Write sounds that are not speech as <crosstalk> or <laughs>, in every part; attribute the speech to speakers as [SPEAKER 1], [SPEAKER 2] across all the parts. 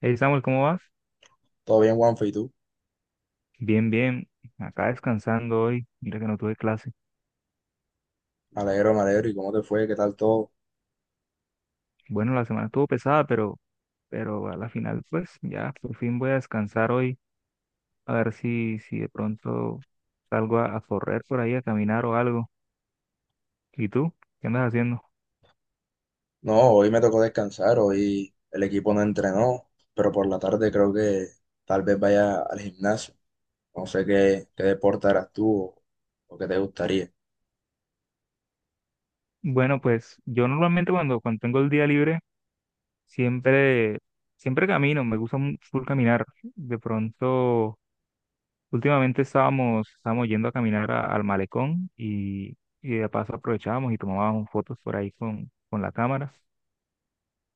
[SPEAKER 1] Hey Samuel, ¿cómo vas?
[SPEAKER 2] Todo bien, Juanfe, ¿y tú?
[SPEAKER 1] Bien, bien. Acá descansando hoy. Mira que no tuve clase.
[SPEAKER 2] Me alegro, me alegro. ¿Y cómo te fue? ¿Qué tal todo?
[SPEAKER 1] Bueno, la semana estuvo pesada, pero a la final, pues ya, por fin voy a descansar hoy. A ver si de pronto salgo a correr por ahí, a caminar o algo. ¿Y tú? ¿Qué andas haciendo?
[SPEAKER 2] No, hoy me tocó descansar, hoy el equipo no entrenó, pero por la tarde creo que tal vez vaya al gimnasio. No sé qué deporte harás tú o qué te gustaría.
[SPEAKER 1] Bueno, pues yo normalmente cuando tengo el día libre, siempre, siempre camino. Me gusta full caminar. De pronto. Últimamente estábamos yendo a caminar al malecón y de paso aprovechábamos y tomábamos fotos por ahí con la cámara.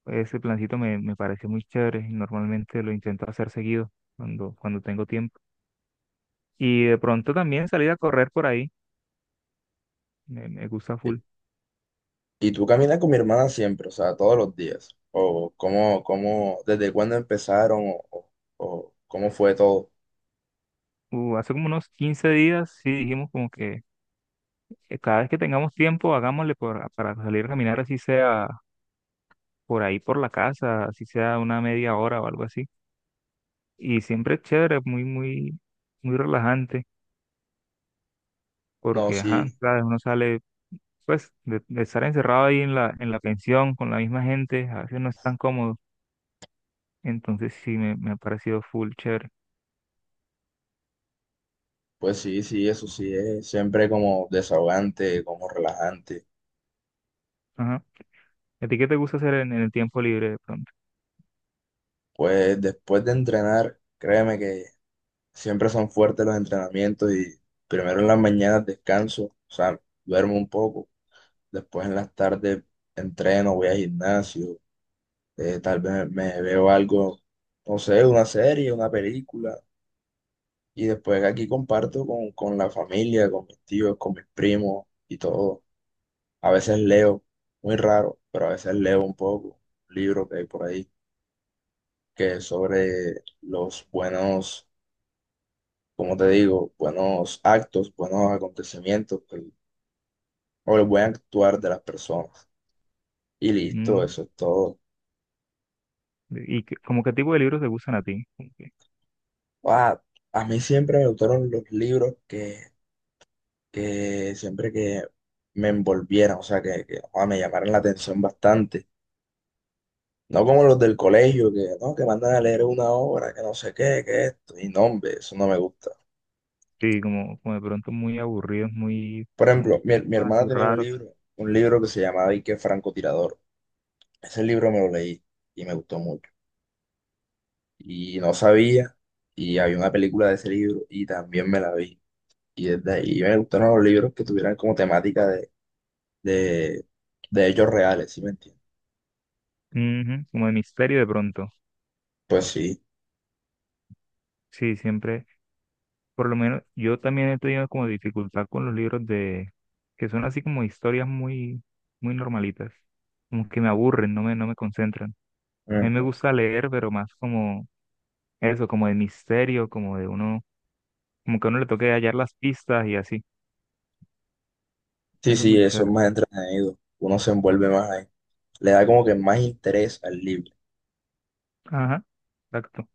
[SPEAKER 1] Ese plancito me pareció muy chévere y normalmente lo intento hacer seguido cuando tengo tiempo. Y de pronto también salir a correr por ahí, me gusta
[SPEAKER 2] ¿Y
[SPEAKER 1] full.
[SPEAKER 2] tú caminas con mi hermana siempre, o sea, todos los días? ¿O cómo, cómo, desde cuándo empezaron o cómo fue todo?
[SPEAKER 1] Hace como unos 15 días sí dijimos como que cada vez que tengamos tiempo hagámosle para salir a caminar así sea por ahí por la casa, así sea una media hora o algo así. Y siempre es chévere, muy, muy, muy relajante,
[SPEAKER 2] No,
[SPEAKER 1] porque, ajá,
[SPEAKER 2] sí,
[SPEAKER 1] sabes, uno sale, pues, de estar encerrado ahí en la pensión con la misma gente, a veces no es tan cómodo. Entonces sí, me ha parecido full chévere.
[SPEAKER 2] pues sí, sí, eso sí es siempre como desahogante, como relajante.
[SPEAKER 1] Ajá. ¿A ti qué te gusta hacer en el tiempo libre de pronto?
[SPEAKER 2] Pues después de entrenar, créeme que siempre son fuertes los entrenamientos y primero en las mañanas descanso, o sea, duermo un poco, después en las tardes entreno, voy al gimnasio, tal vez me veo algo, no sé, una serie, una película, y después aquí comparto con la familia, con mis tíos, con mis primos y todo. A veces leo, muy raro, pero a veces leo un poco, un libro que hay por ahí, que es sobre los buenos, como te digo, buenos actos, buenos acontecimientos pues, o el buen actuar de las personas. Y listo,
[SPEAKER 1] Mm.
[SPEAKER 2] eso es todo.
[SPEAKER 1] ¿Y como qué tipo de libros te gustan a ti? Como que-
[SPEAKER 2] Ah, a mí siempre me gustaron los libros que siempre que me envolvieran, o sea, que me llamaran la atención bastante. No como los del colegio, que no, que mandan a leer una obra, que no sé qué, que esto. Y no, hombre, eso no me gusta.
[SPEAKER 1] Sí, como de pronto muy aburridos,
[SPEAKER 2] Por
[SPEAKER 1] como
[SPEAKER 2] ejemplo, mi
[SPEAKER 1] temas
[SPEAKER 2] hermana
[SPEAKER 1] así
[SPEAKER 2] tenía
[SPEAKER 1] raros.
[SPEAKER 2] un libro que se llamaba Y qué francotirador. Ese libro me lo leí y me gustó mucho. Y no sabía, y había una película de ese libro y también me la vi. Y desde ahí me gustaron los libros que tuvieran como temática de, de hechos reales, ¿sí me entiendes?
[SPEAKER 1] Ujú, como de misterio de pronto.
[SPEAKER 2] Pues sí.
[SPEAKER 1] Sí, siempre. Por lo menos yo también he tenido como dificultad con los libros de que son así como historias muy muy normalitas, como que me aburren, no me concentran. A mí me
[SPEAKER 2] Mm.
[SPEAKER 1] gusta leer, pero más como eso, como de misterio, como de uno, como que a uno le toque hallar las pistas y así.
[SPEAKER 2] Sí,
[SPEAKER 1] Eso es
[SPEAKER 2] sí,
[SPEAKER 1] muy
[SPEAKER 2] eso es
[SPEAKER 1] chévere.
[SPEAKER 2] más entretenido, uno se envuelve más ahí, le da como que más interés al libro.
[SPEAKER 1] Ajá, exacto.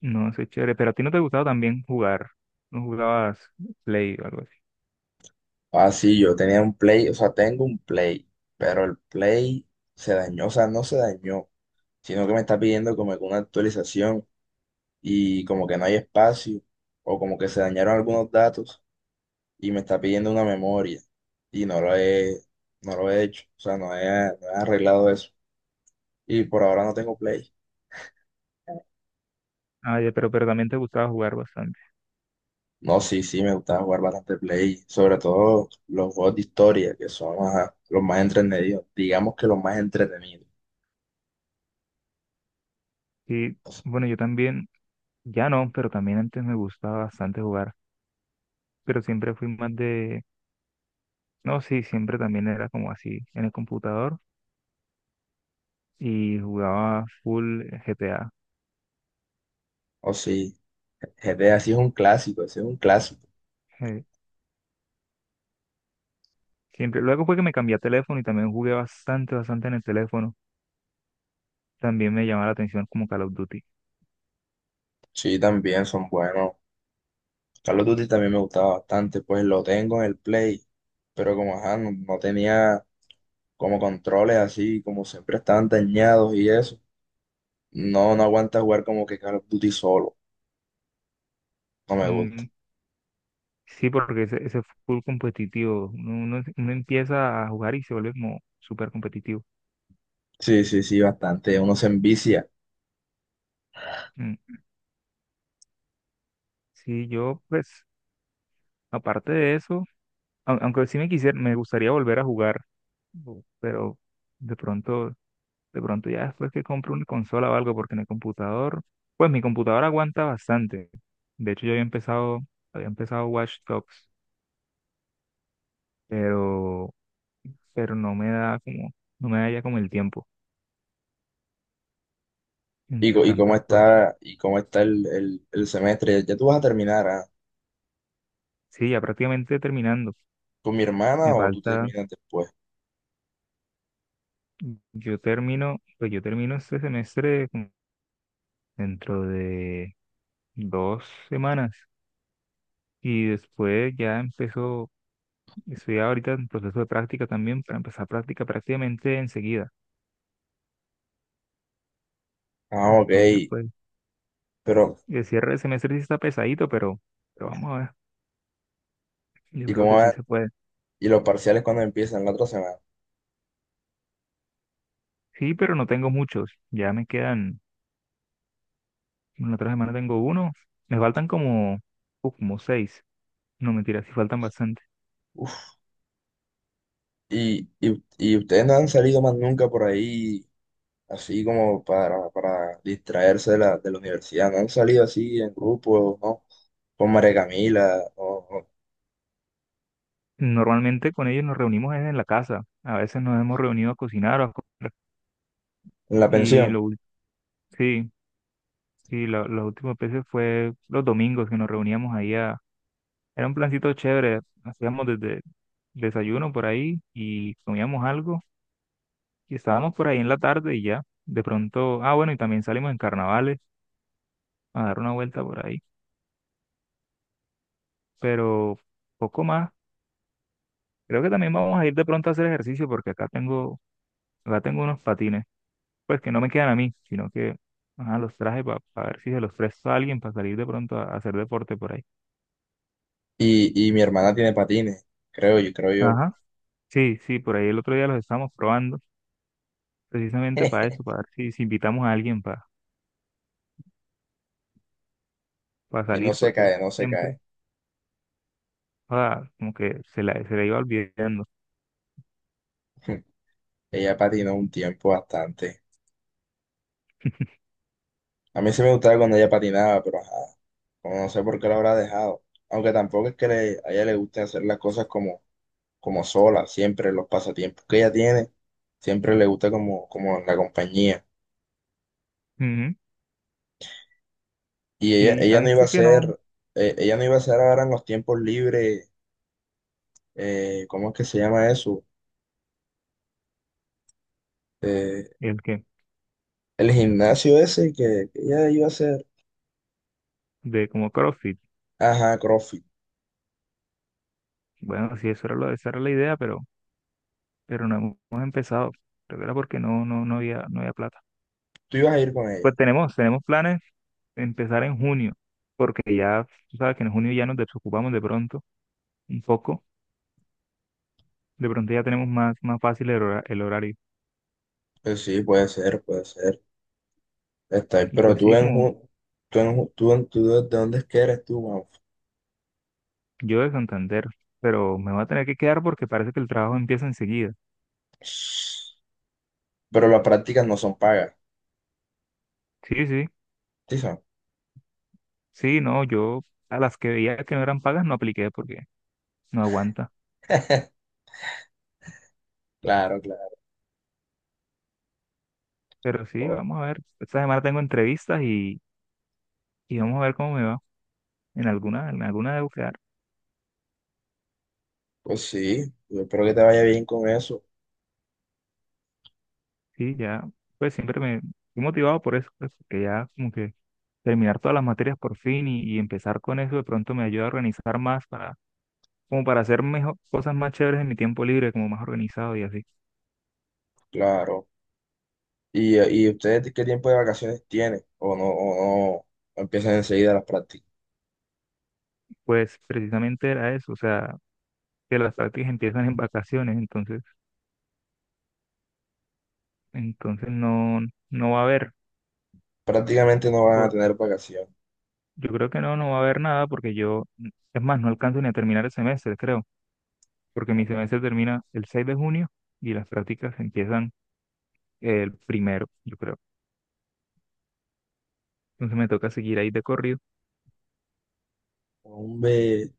[SPEAKER 1] No, eso es chévere. Pero a ti no te gustaba también jugar, no jugabas Play o algo así.
[SPEAKER 2] Ah, sí, yo tenía un Play, o sea, tengo un Play, pero el Play se dañó, o sea, no se dañó, sino que me está pidiendo como que una actualización y como que no hay espacio o como que se dañaron algunos datos y me está pidiendo una memoria y no lo he hecho, o sea, no he arreglado eso y por ahora no tengo Play.
[SPEAKER 1] Ah, ya, pero también te gustaba jugar bastante.
[SPEAKER 2] No, sí, sí, me gusta jugar bastante Play, sobre todo los juegos de historia que son ajá, los más entretenidos, digamos que los más entretenidos.
[SPEAKER 1] Sí, bueno, yo también, ya no, pero también antes me gustaba bastante jugar. Pero siempre fui más de, no, sí, siempre también era como así en el computador y jugaba full GTA.
[SPEAKER 2] O sí, GTA sí es un clásico, ese es un clásico.
[SPEAKER 1] eh, siempre. Luego fue que me cambié a teléfono y también jugué bastante en el teléfono. También me llamaba la atención como Call of Duty.
[SPEAKER 2] Sí, también son buenos. Carlos of Duty también me gustaba bastante, pues lo tengo en el Play, pero como ajá, no tenía como controles así, como siempre estaban dañados y eso. No, no aguanta jugar como que Call of Duty solo. No me
[SPEAKER 1] Mm,
[SPEAKER 2] gusta.
[SPEAKER 1] sí, porque ese full competitivo, uno empieza a jugar y se vuelve como súper competitivo.
[SPEAKER 2] Sí, sí, sí, bastante. Uno se envicia.
[SPEAKER 1] Mm, sí, yo pues, aparte de eso, aunque sí me quisiera, me gustaría volver a jugar, pero de pronto De pronto ya después que compro una consola o algo, porque en el computador, pues mi computador aguanta bastante. De hecho, yo había empezado Watch Dogs, pero, pero no me da ya como el tiempo
[SPEAKER 2] ¿Y
[SPEAKER 1] entre
[SPEAKER 2] co-
[SPEAKER 1] tantas cosas.
[SPEAKER 2] y cómo está el, el semestre? ¿Ya tú vas a terminar, ah?
[SPEAKER 1] Sí, ya prácticamente terminando.
[SPEAKER 2] ¿Con mi hermana
[SPEAKER 1] Me
[SPEAKER 2] o tú
[SPEAKER 1] falta,
[SPEAKER 2] terminas después?
[SPEAKER 1] yo termino, pues yo termino este semestre como dentro de 2 semanas. Y después ya empezó, estoy ahorita en proceso de práctica también, para empezar práctica prácticamente enseguida.
[SPEAKER 2] Ah, ok.
[SPEAKER 1] Entonces, pues.
[SPEAKER 2] Pero,
[SPEAKER 1] Y el cierre de semestre sí está pesadito, pero vamos a ver. Yo
[SPEAKER 2] ¿y
[SPEAKER 1] creo
[SPEAKER 2] cómo
[SPEAKER 1] que sí
[SPEAKER 2] va?
[SPEAKER 1] se puede.
[SPEAKER 2] ¿Y los parciales cuando empiezan la otra semana?
[SPEAKER 1] Sí, pero no tengo muchos. Ya me quedan, en la otra semana tengo uno. Me faltan como seis. No, mentira, sí faltan bastante.
[SPEAKER 2] Uf. Y ustedes no han salido más nunca por ahí, así como para distraerse de la universidad? ¿No han salido así en grupo, no? ¿Con María Camila o
[SPEAKER 1] Normalmente con ellos nos reunimos es en la casa. A veces nos hemos reunido a cocinar o a comer.
[SPEAKER 2] en la
[SPEAKER 1] Y
[SPEAKER 2] pensión?
[SPEAKER 1] lo, ul- sí, sí, las últimas veces fue los domingos que nos reuníamos ahí a. Era un plancito chévere. Hacíamos desde desayuno por ahí y comíamos algo. Y estábamos por ahí en la tarde y ya, de pronto, ah, bueno, y también salimos en carnavales a dar una vuelta por ahí, pero poco más. Creo que también vamos a ir de pronto a hacer ejercicio porque acá tengo unos patines, pues que no me quedan a mí, sino que ajá, los traje para ver si se los presto a alguien para salir de pronto a hacer deporte por ahí.
[SPEAKER 2] Y mi hermana tiene patines, creo yo, creo yo.
[SPEAKER 1] Ajá. Sí, sí, por ahí el otro día los estábamos probando, precisamente para
[SPEAKER 2] <laughs>
[SPEAKER 1] eso, para ver si invitamos a alguien para
[SPEAKER 2] Y no
[SPEAKER 1] salir,
[SPEAKER 2] se
[SPEAKER 1] porque
[SPEAKER 2] cae, no se
[SPEAKER 1] siempre,
[SPEAKER 2] cae.
[SPEAKER 1] ah, como que se la iba olvidando.
[SPEAKER 2] <laughs> Ella patinó un tiempo bastante.
[SPEAKER 1] <laughs>
[SPEAKER 2] A mí sí me gustaba cuando ella patinaba, pero ajá, como no sé por qué la habrá dejado. Aunque tampoco es que le- a ella le guste hacer las cosas como, como sola, siempre los pasatiempos que ella tiene, siempre le gusta como, como la compañía.
[SPEAKER 1] Ujú.
[SPEAKER 2] Y ella,
[SPEAKER 1] Sí, a
[SPEAKER 2] ella no
[SPEAKER 1] mí
[SPEAKER 2] iba a
[SPEAKER 1] sí que no.
[SPEAKER 2] hacer, ella no iba a hacer ahora en los tiempos libres, ¿cómo es que se llama eso? Eh,
[SPEAKER 1] El que,
[SPEAKER 2] el gimnasio ese que ella iba a hacer.
[SPEAKER 1] de como CrossFit.
[SPEAKER 2] Ajá, CrossFit.
[SPEAKER 1] Bueno, sí, eso era lo, esa era la idea, pero no hemos empezado. Creo que era porque no había plata.
[SPEAKER 2] Tú ibas a ir con ella.
[SPEAKER 1] Pues tenemos planes de empezar en junio, porque ya, tú sabes que en junio ya nos desocupamos de pronto, un poco. De pronto ya tenemos más fácil el horario.
[SPEAKER 2] Pues sí, puede ser, puede ser. Está ahí.
[SPEAKER 1] Y
[SPEAKER 2] Pero
[SPEAKER 1] pues
[SPEAKER 2] tú
[SPEAKER 1] sí,
[SPEAKER 2] en,
[SPEAKER 1] como
[SPEAKER 2] Ju- tú en, Ju- tú en, tú de dónde es que eres tú, man?
[SPEAKER 1] yo de Santander, pero me voy a tener que quedar porque parece que el trabajo empieza enseguida.
[SPEAKER 2] Pero las prácticas no son pagas.
[SPEAKER 1] Sí, sí,
[SPEAKER 2] Sí, son.
[SPEAKER 1] sí, no, yo a las que veía que no eran pagas no apliqué porque no aguanta.
[SPEAKER 2] Claro, claro.
[SPEAKER 1] Pero sí,
[SPEAKER 2] Oh.
[SPEAKER 1] vamos a ver. Esta semana tengo entrevistas y vamos a ver cómo me va. En alguna de bucear.
[SPEAKER 2] Pues sí, yo espero que te vaya bien con eso.
[SPEAKER 1] Sí, ya, pues siempre me estoy motivado por eso, pues, que ya como que terminar todas las materias por fin y empezar con eso de pronto me ayuda a organizar más como para hacer mejor, cosas más chéveres en mi tiempo libre, como más organizado y así.
[SPEAKER 2] Claro. ¿Y, y ustedes qué tiempo de vacaciones tienen? O no empiezan enseguida las prácticas?
[SPEAKER 1] Pues precisamente era eso, o sea, que las prácticas empiezan en vacaciones, entonces no va a haber,
[SPEAKER 2] Prácticamente no van a
[SPEAKER 1] por,
[SPEAKER 2] tener vacaciones.
[SPEAKER 1] yo creo que no va a haber nada porque yo, es más, no alcanzo ni a terminar el semestre, creo. Porque mi semestre termina el 6 de junio y las prácticas empiezan el primero, yo creo. Entonces me toca seguir ahí de corrido,
[SPEAKER 2] Hombre.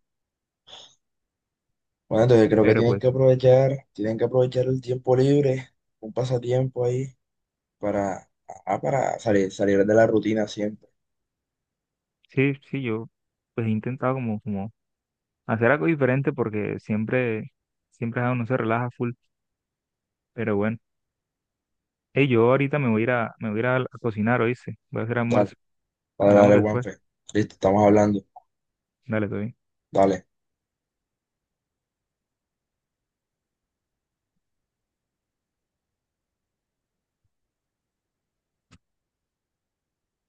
[SPEAKER 2] Bueno, entonces creo que
[SPEAKER 1] pero pues
[SPEAKER 2] tienen que aprovechar el tiempo libre, un pasatiempo ahí para, ah, para salir, salir de la rutina siempre.
[SPEAKER 1] sí, sí, yo pues he intentado como hacer algo diferente porque siempre uno se relaja full, pero bueno. Hey, yo ahorita me voy a ir a, me voy a ir a cocinar, ¿oíste? Voy a hacer
[SPEAKER 2] Dale,
[SPEAKER 1] almuerzo.
[SPEAKER 2] dale,
[SPEAKER 1] Hablamos
[SPEAKER 2] dale,
[SPEAKER 1] después.
[SPEAKER 2] Juanfe. Listo, estamos hablando.
[SPEAKER 1] Dale, todo bien.
[SPEAKER 2] Dale.